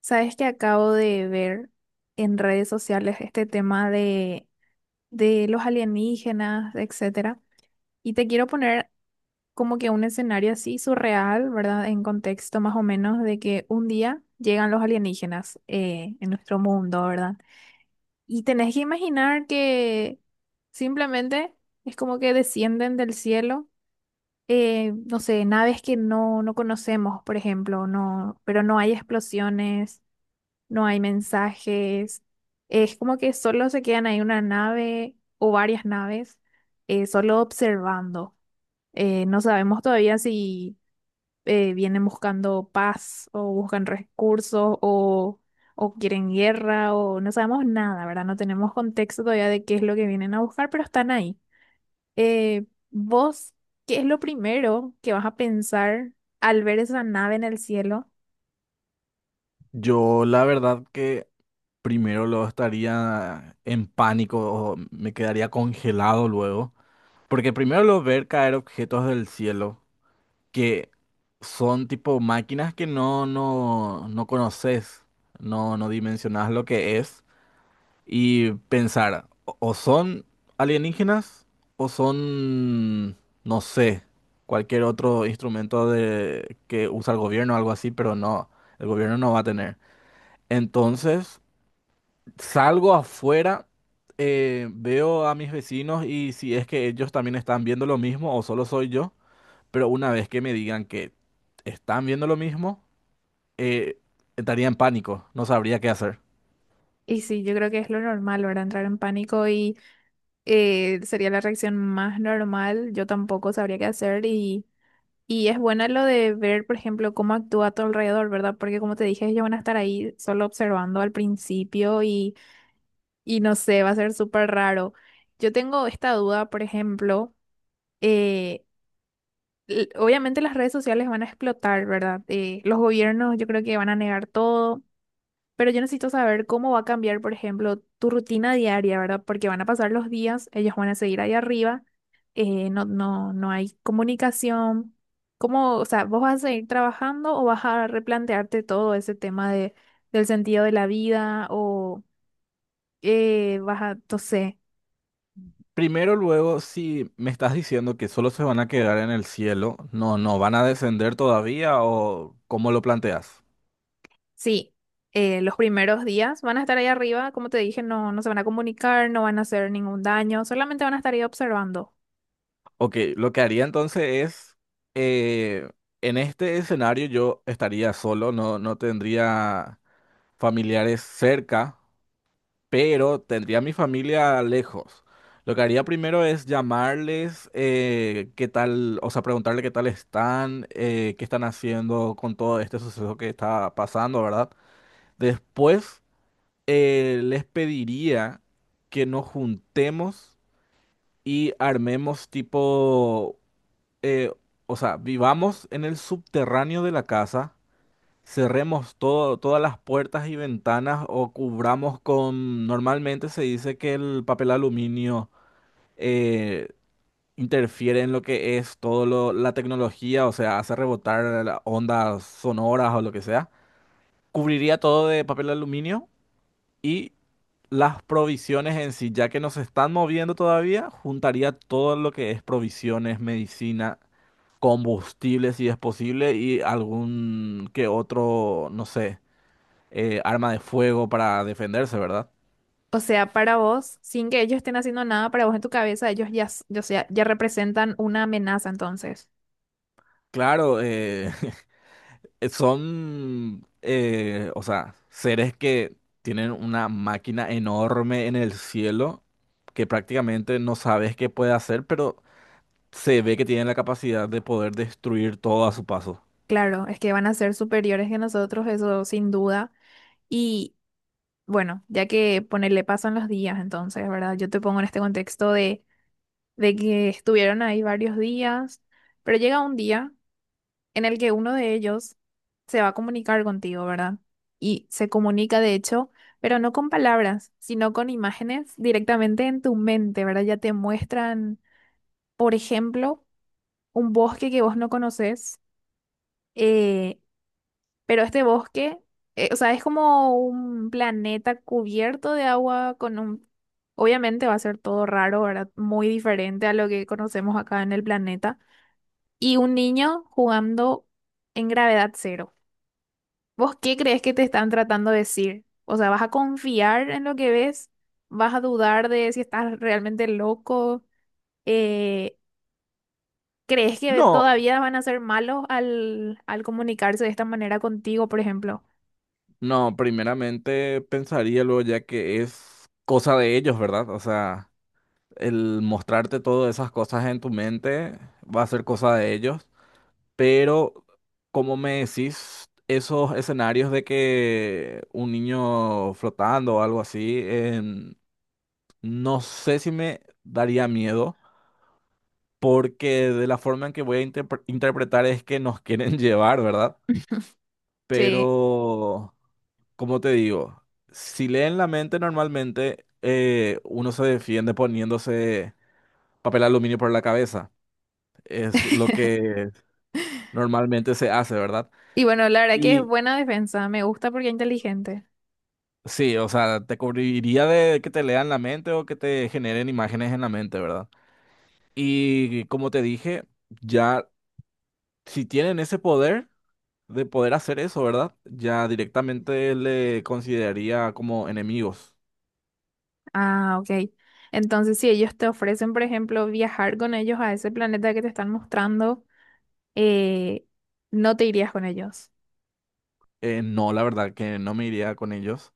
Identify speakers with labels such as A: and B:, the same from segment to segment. A: Sabes que acabo de ver en redes sociales este tema de los alienígenas, etcétera. Y te quiero poner como que un escenario así surreal, ¿verdad? En contexto más o menos de que un día llegan los alienígenas en nuestro mundo, ¿verdad? Y tenés que imaginar que simplemente es como que descienden del cielo, no sé, naves que no conocemos, por ejemplo, no, pero no hay explosiones, no hay mensajes, es como que solo se quedan ahí una nave o varias naves, solo observando. No sabemos todavía si vienen buscando paz o buscan recursos o quieren guerra o no sabemos nada, ¿verdad? No tenemos contexto todavía de qué es lo que vienen a buscar, pero están ahí. Eh, ¿Vos qué es lo primero que vas a pensar al ver esa nave en el cielo?
B: Yo la verdad que primero lo estaría en pánico o me quedaría congelado luego, porque primero lo ver caer objetos del cielo que son tipo máquinas que no conoces, no dimensionas lo que es y pensar o son alienígenas o son no sé, cualquier otro instrumento de que usa el gobierno o algo así, pero no, el gobierno no va a tener. Entonces salgo afuera, veo a mis vecinos y si es que ellos también están viendo lo mismo o solo soy yo, pero una vez que me digan que están viendo lo mismo, eh, estaría en pánico, no sabría qué hacer.
A: Y sí, yo creo que es lo normal, ¿verdad? Entrar en pánico y sería la reacción más normal, yo tampoco sabría qué hacer y es buena lo de ver, por ejemplo, cómo actúa a tu alrededor, ¿verdad? Porque como te dije, ellos van a estar ahí solo observando al principio y no sé, va a ser súper raro. Yo tengo esta duda, por ejemplo, eh, obviamente las redes sociales van a explotar, ¿verdad? Los gobiernos yo creo que van a negar todo. Pero yo necesito saber cómo va a cambiar, por ejemplo, tu rutina diaria, ¿verdad? Porque van a pasar los días, ellos van a seguir ahí arriba, no hay comunicación. ¿Cómo, o sea, vos vas a seguir trabajando o vas a replantearte todo ese tema del sentido de la vida o vas a, no sé,
B: Primero, luego, si me estás diciendo que solo se van a quedar en el cielo, no, no, ¿van a descender todavía o cómo lo planteas?
A: sí, los primeros días van a estar ahí arriba, como te dije, no se van a comunicar, no van a hacer ningún daño, solamente van a estar ahí observando.
B: Ok, lo que haría entonces es, eh, en este escenario yo estaría solo, no, no tendría familiares cerca, pero tendría a mi familia lejos. Lo que haría primero es llamarles, qué tal, o sea, preguntarle qué tal están, qué están haciendo con todo este suceso que está pasando, ¿verdad? Después, les pediría que nos juntemos y armemos tipo, eh, o sea, vivamos en el subterráneo de la casa. Cerremos todo, todas las puertas y ventanas o cubramos con… Normalmente se dice que el papel aluminio eh, interfiere en lo que es la tecnología, o sea, hace rebotar ondas sonoras o lo que sea. Cubriría todo de papel aluminio y las provisiones en sí, ya que nos están moviendo todavía, juntaría todo lo que es provisiones, medicina, combustible si es posible y algún que otro, no sé, arma de fuego para defenderse, ¿verdad?
A: O sea, para vos, sin que ellos estén haciendo nada, para vos en tu cabeza, ellos ya, o sea, ya representan una amenaza entonces.
B: Claro, son, o sea, seres que tienen una máquina enorme en el cielo que prácticamente no sabes qué puede hacer, pero se ve que tienen la capacidad de poder destruir todo a su paso.
A: Claro, es que van a ser superiores que nosotros, eso sin duda. Y bueno, ya que ponerle pasan los días entonces, ¿verdad? Yo te pongo en este contexto de que estuvieron ahí varios días, pero llega un día en el que uno de ellos se va a comunicar contigo, ¿verdad? Y se comunica, de hecho, pero no con palabras, sino con imágenes directamente en tu mente, ¿verdad? Ya te muestran, por ejemplo, un bosque que vos no conoces, eh, pero este bosque, o sea, es como un planeta cubierto de agua con un... Obviamente va a ser todo raro, ¿verdad? Muy diferente a lo que conocemos acá en el planeta. Y un niño jugando en gravedad cero. ¿Vos qué crees que te están tratando de decir? O sea, ¿vas a confiar en lo que ves? ¿Vas a dudar de si estás realmente loco? Eh, ¿Crees que
B: No,
A: todavía van a ser malos al comunicarse de esta manera contigo, por ejemplo?
B: no, primeramente pensaría luego ya que es cosa de ellos, ¿verdad? O sea, el mostrarte todas esas cosas en tu mente va a ser cosa de ellos. Pero, como me decís, esos escenarios de que un niño flotando o algo así, no sé si me daría miedo, porque de la forma en que voy a interpretar es que nos quieren llevar, ¿verdad?
A: Sí.
B: Pero, como te digo, si leen la mente normalmente, uno se defiende poniéndose papel aluminio por la cabeza. Es lo que normalmente se hace, ¿verdad?
A: Y bueno, la verdad que es buena defensa. Me gusta porque es inteligente.
B: Sí, o sea, te cubriría de que te lean la mente o que te generen imágenes en la mente, ¿verdad? Y como te dije, ya si tienen ese poder de poder hacer eso, ¿verdad? Ya directamente le consideraría como enemigos.
A: Ah, ok. Entonces, si ellos te ofrecen, por ejemplo, viajar con ellos a ese planeta que te están mostrando, eh, no te irías con ellos.
B: No, la verdad que no me iría con ellos.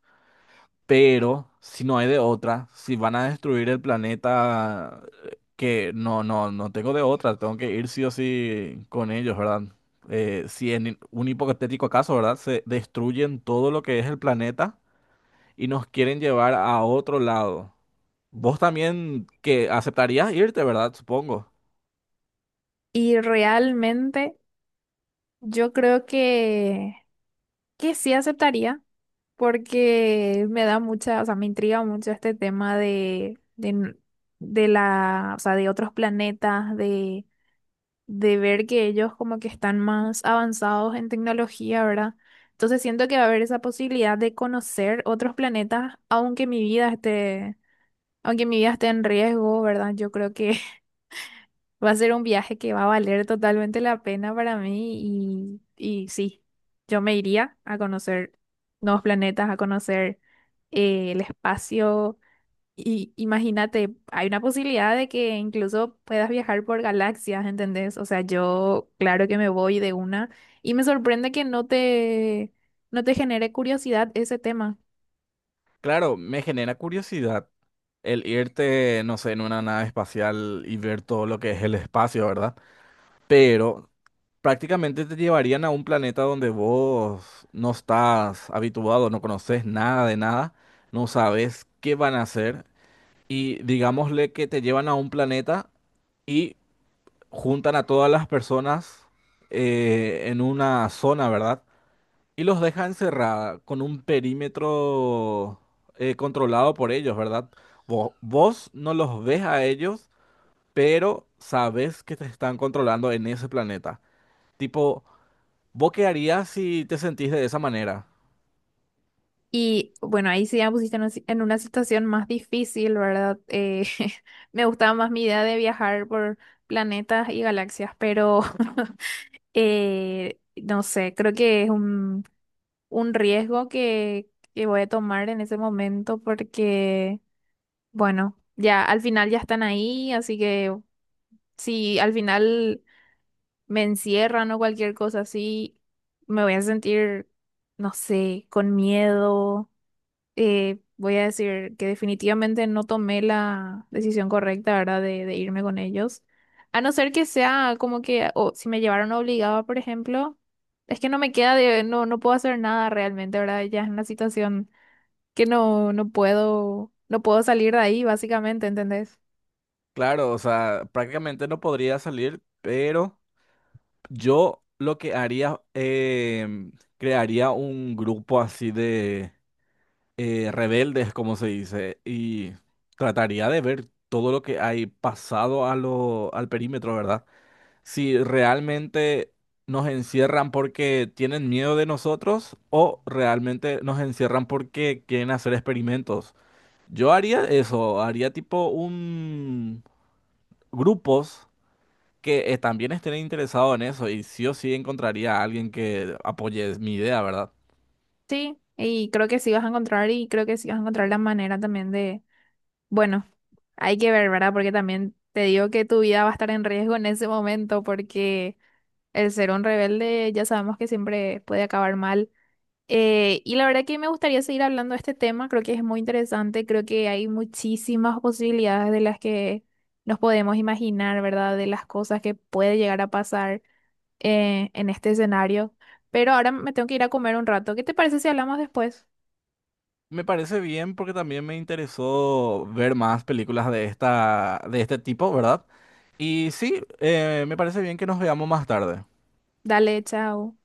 B: Pero si no hay de otra, si van a destruir el planeta, que no, no, no tengo de otra, tengo que ir sí o sí con ellos, ¿verdad? Si en un hipotético caso, ¿verdad? Se destruyen todo lo que es el planeta y nos quieren llevar a otro lado. Vos también que aceptarías irte, ¿verdad? Supongo.
A: Y realmente... Yo creo que sí aceptaría, porque me da mucha, o sea, me intriga mucho este tema de la, o sea, de otros planetas, de ver que ellos como que están más avanzados en tecnología, ¿verdad? Entonces siento que va a haber esa posibilidad de conocer otros planetas, aunque mi vida esté, aunque mi vida esté en riesgo, ¿verdad? Yo creo que va a ser un viaje que va a valer totalmente la pena para mí y sí, yo me iría a conocer nuevos planetas, a conocer el espacio. Y imagínate, hay una posibilidad de que incluso puedas viajar por galaxias, ¿entendés? O sea, yo claro que me voy de una y me sorprende que no no te genere curiosidad ese tema.
B: Claro, me genera curiosidad el irte, no sé, en una nave espacial y ver todo lo que es el espacio, ¿verdad? Pero prácticamente te llevarían a un planeta donde vos no estás habituado, no conoces nada de nada, no sabes qué van a hacer y digámosle que te llevan a un planeta y juntan a todas las personas, en una zona, ¿verdad? Y los dejan encerrada con un perímetro, controlado por ellos, ¿verdad? Vos no los ves a ellos, pero sabes que te están controlando en ese planeta. Tipo… ¿Vos qué harías si te sentís de esa manera?
A: Y bueno, ahí sí ya me pusiste en, una si- en una situación más difícil, ¿verdad? Me gustaba más mi idea de viajar por planetas y galaxias, pero no sé, creo que es un riesgo que voy a tomar en ese momento porque, bueno, ya al final ya están ahí, así que si al final me encierran o cualquier cosa así, me voy a sentir, no sé, con miedo. Voy a decir que definitivamente no tomé la decisión correcta, ¿verdad? De irme con ellos. A no ser que sea como que, o si me llevaron obligada, por ejemplo, es que no me queda de, no puedo hacer nada realmente, ¿verdad? Ya es una situación que no puedo, no puedo salir de ahí, básicamente, ¿entendés?
B: Claro, o sea, prácticamente no podría salir, pero yo lo que haría, em, crearía un grupo así de rebeldes, como se dice, y trataría de ver todo lo que hay pasado a lo, al perímetro, ¿verdad? Si realmente nos encierran porque tienen miedo de nosotros o realmente nos encierran porque quieren hacer experimentos. Yo haría eso, haría tipo un grupos que también estén interesados en eso y sí o sí encontraría a alguien que apoye mi idea, ¿verdad?
A: Sí, y creo que sí vas a encontrar, y creo que sí vas a encontrar la manera también de, bueno, hay que ver, ¿verdad? Porque también te digo que tu vida va a estar en riesgo en ese momento, porque el ser un rebelde ya sabemos que siempre puede acabar mal. Y la verdad que me gustaría seguir hablando de este tema, creo que es muy interesante, creo que hay muchísimas posibilidades de las que nos podemos imaginar, ¿verdad? De las cosas que puede llegar a pasar en este escenario. Pero ahora me tengo que ir a comer un rato. ¿Qué te parece si hablamos después?
B: Me parece bien porque también me interesó ver más películas de esta, de este tipo, ¿verdad? Y sí, me parece bien que nos veamos más tarde.
A: Dale, chao.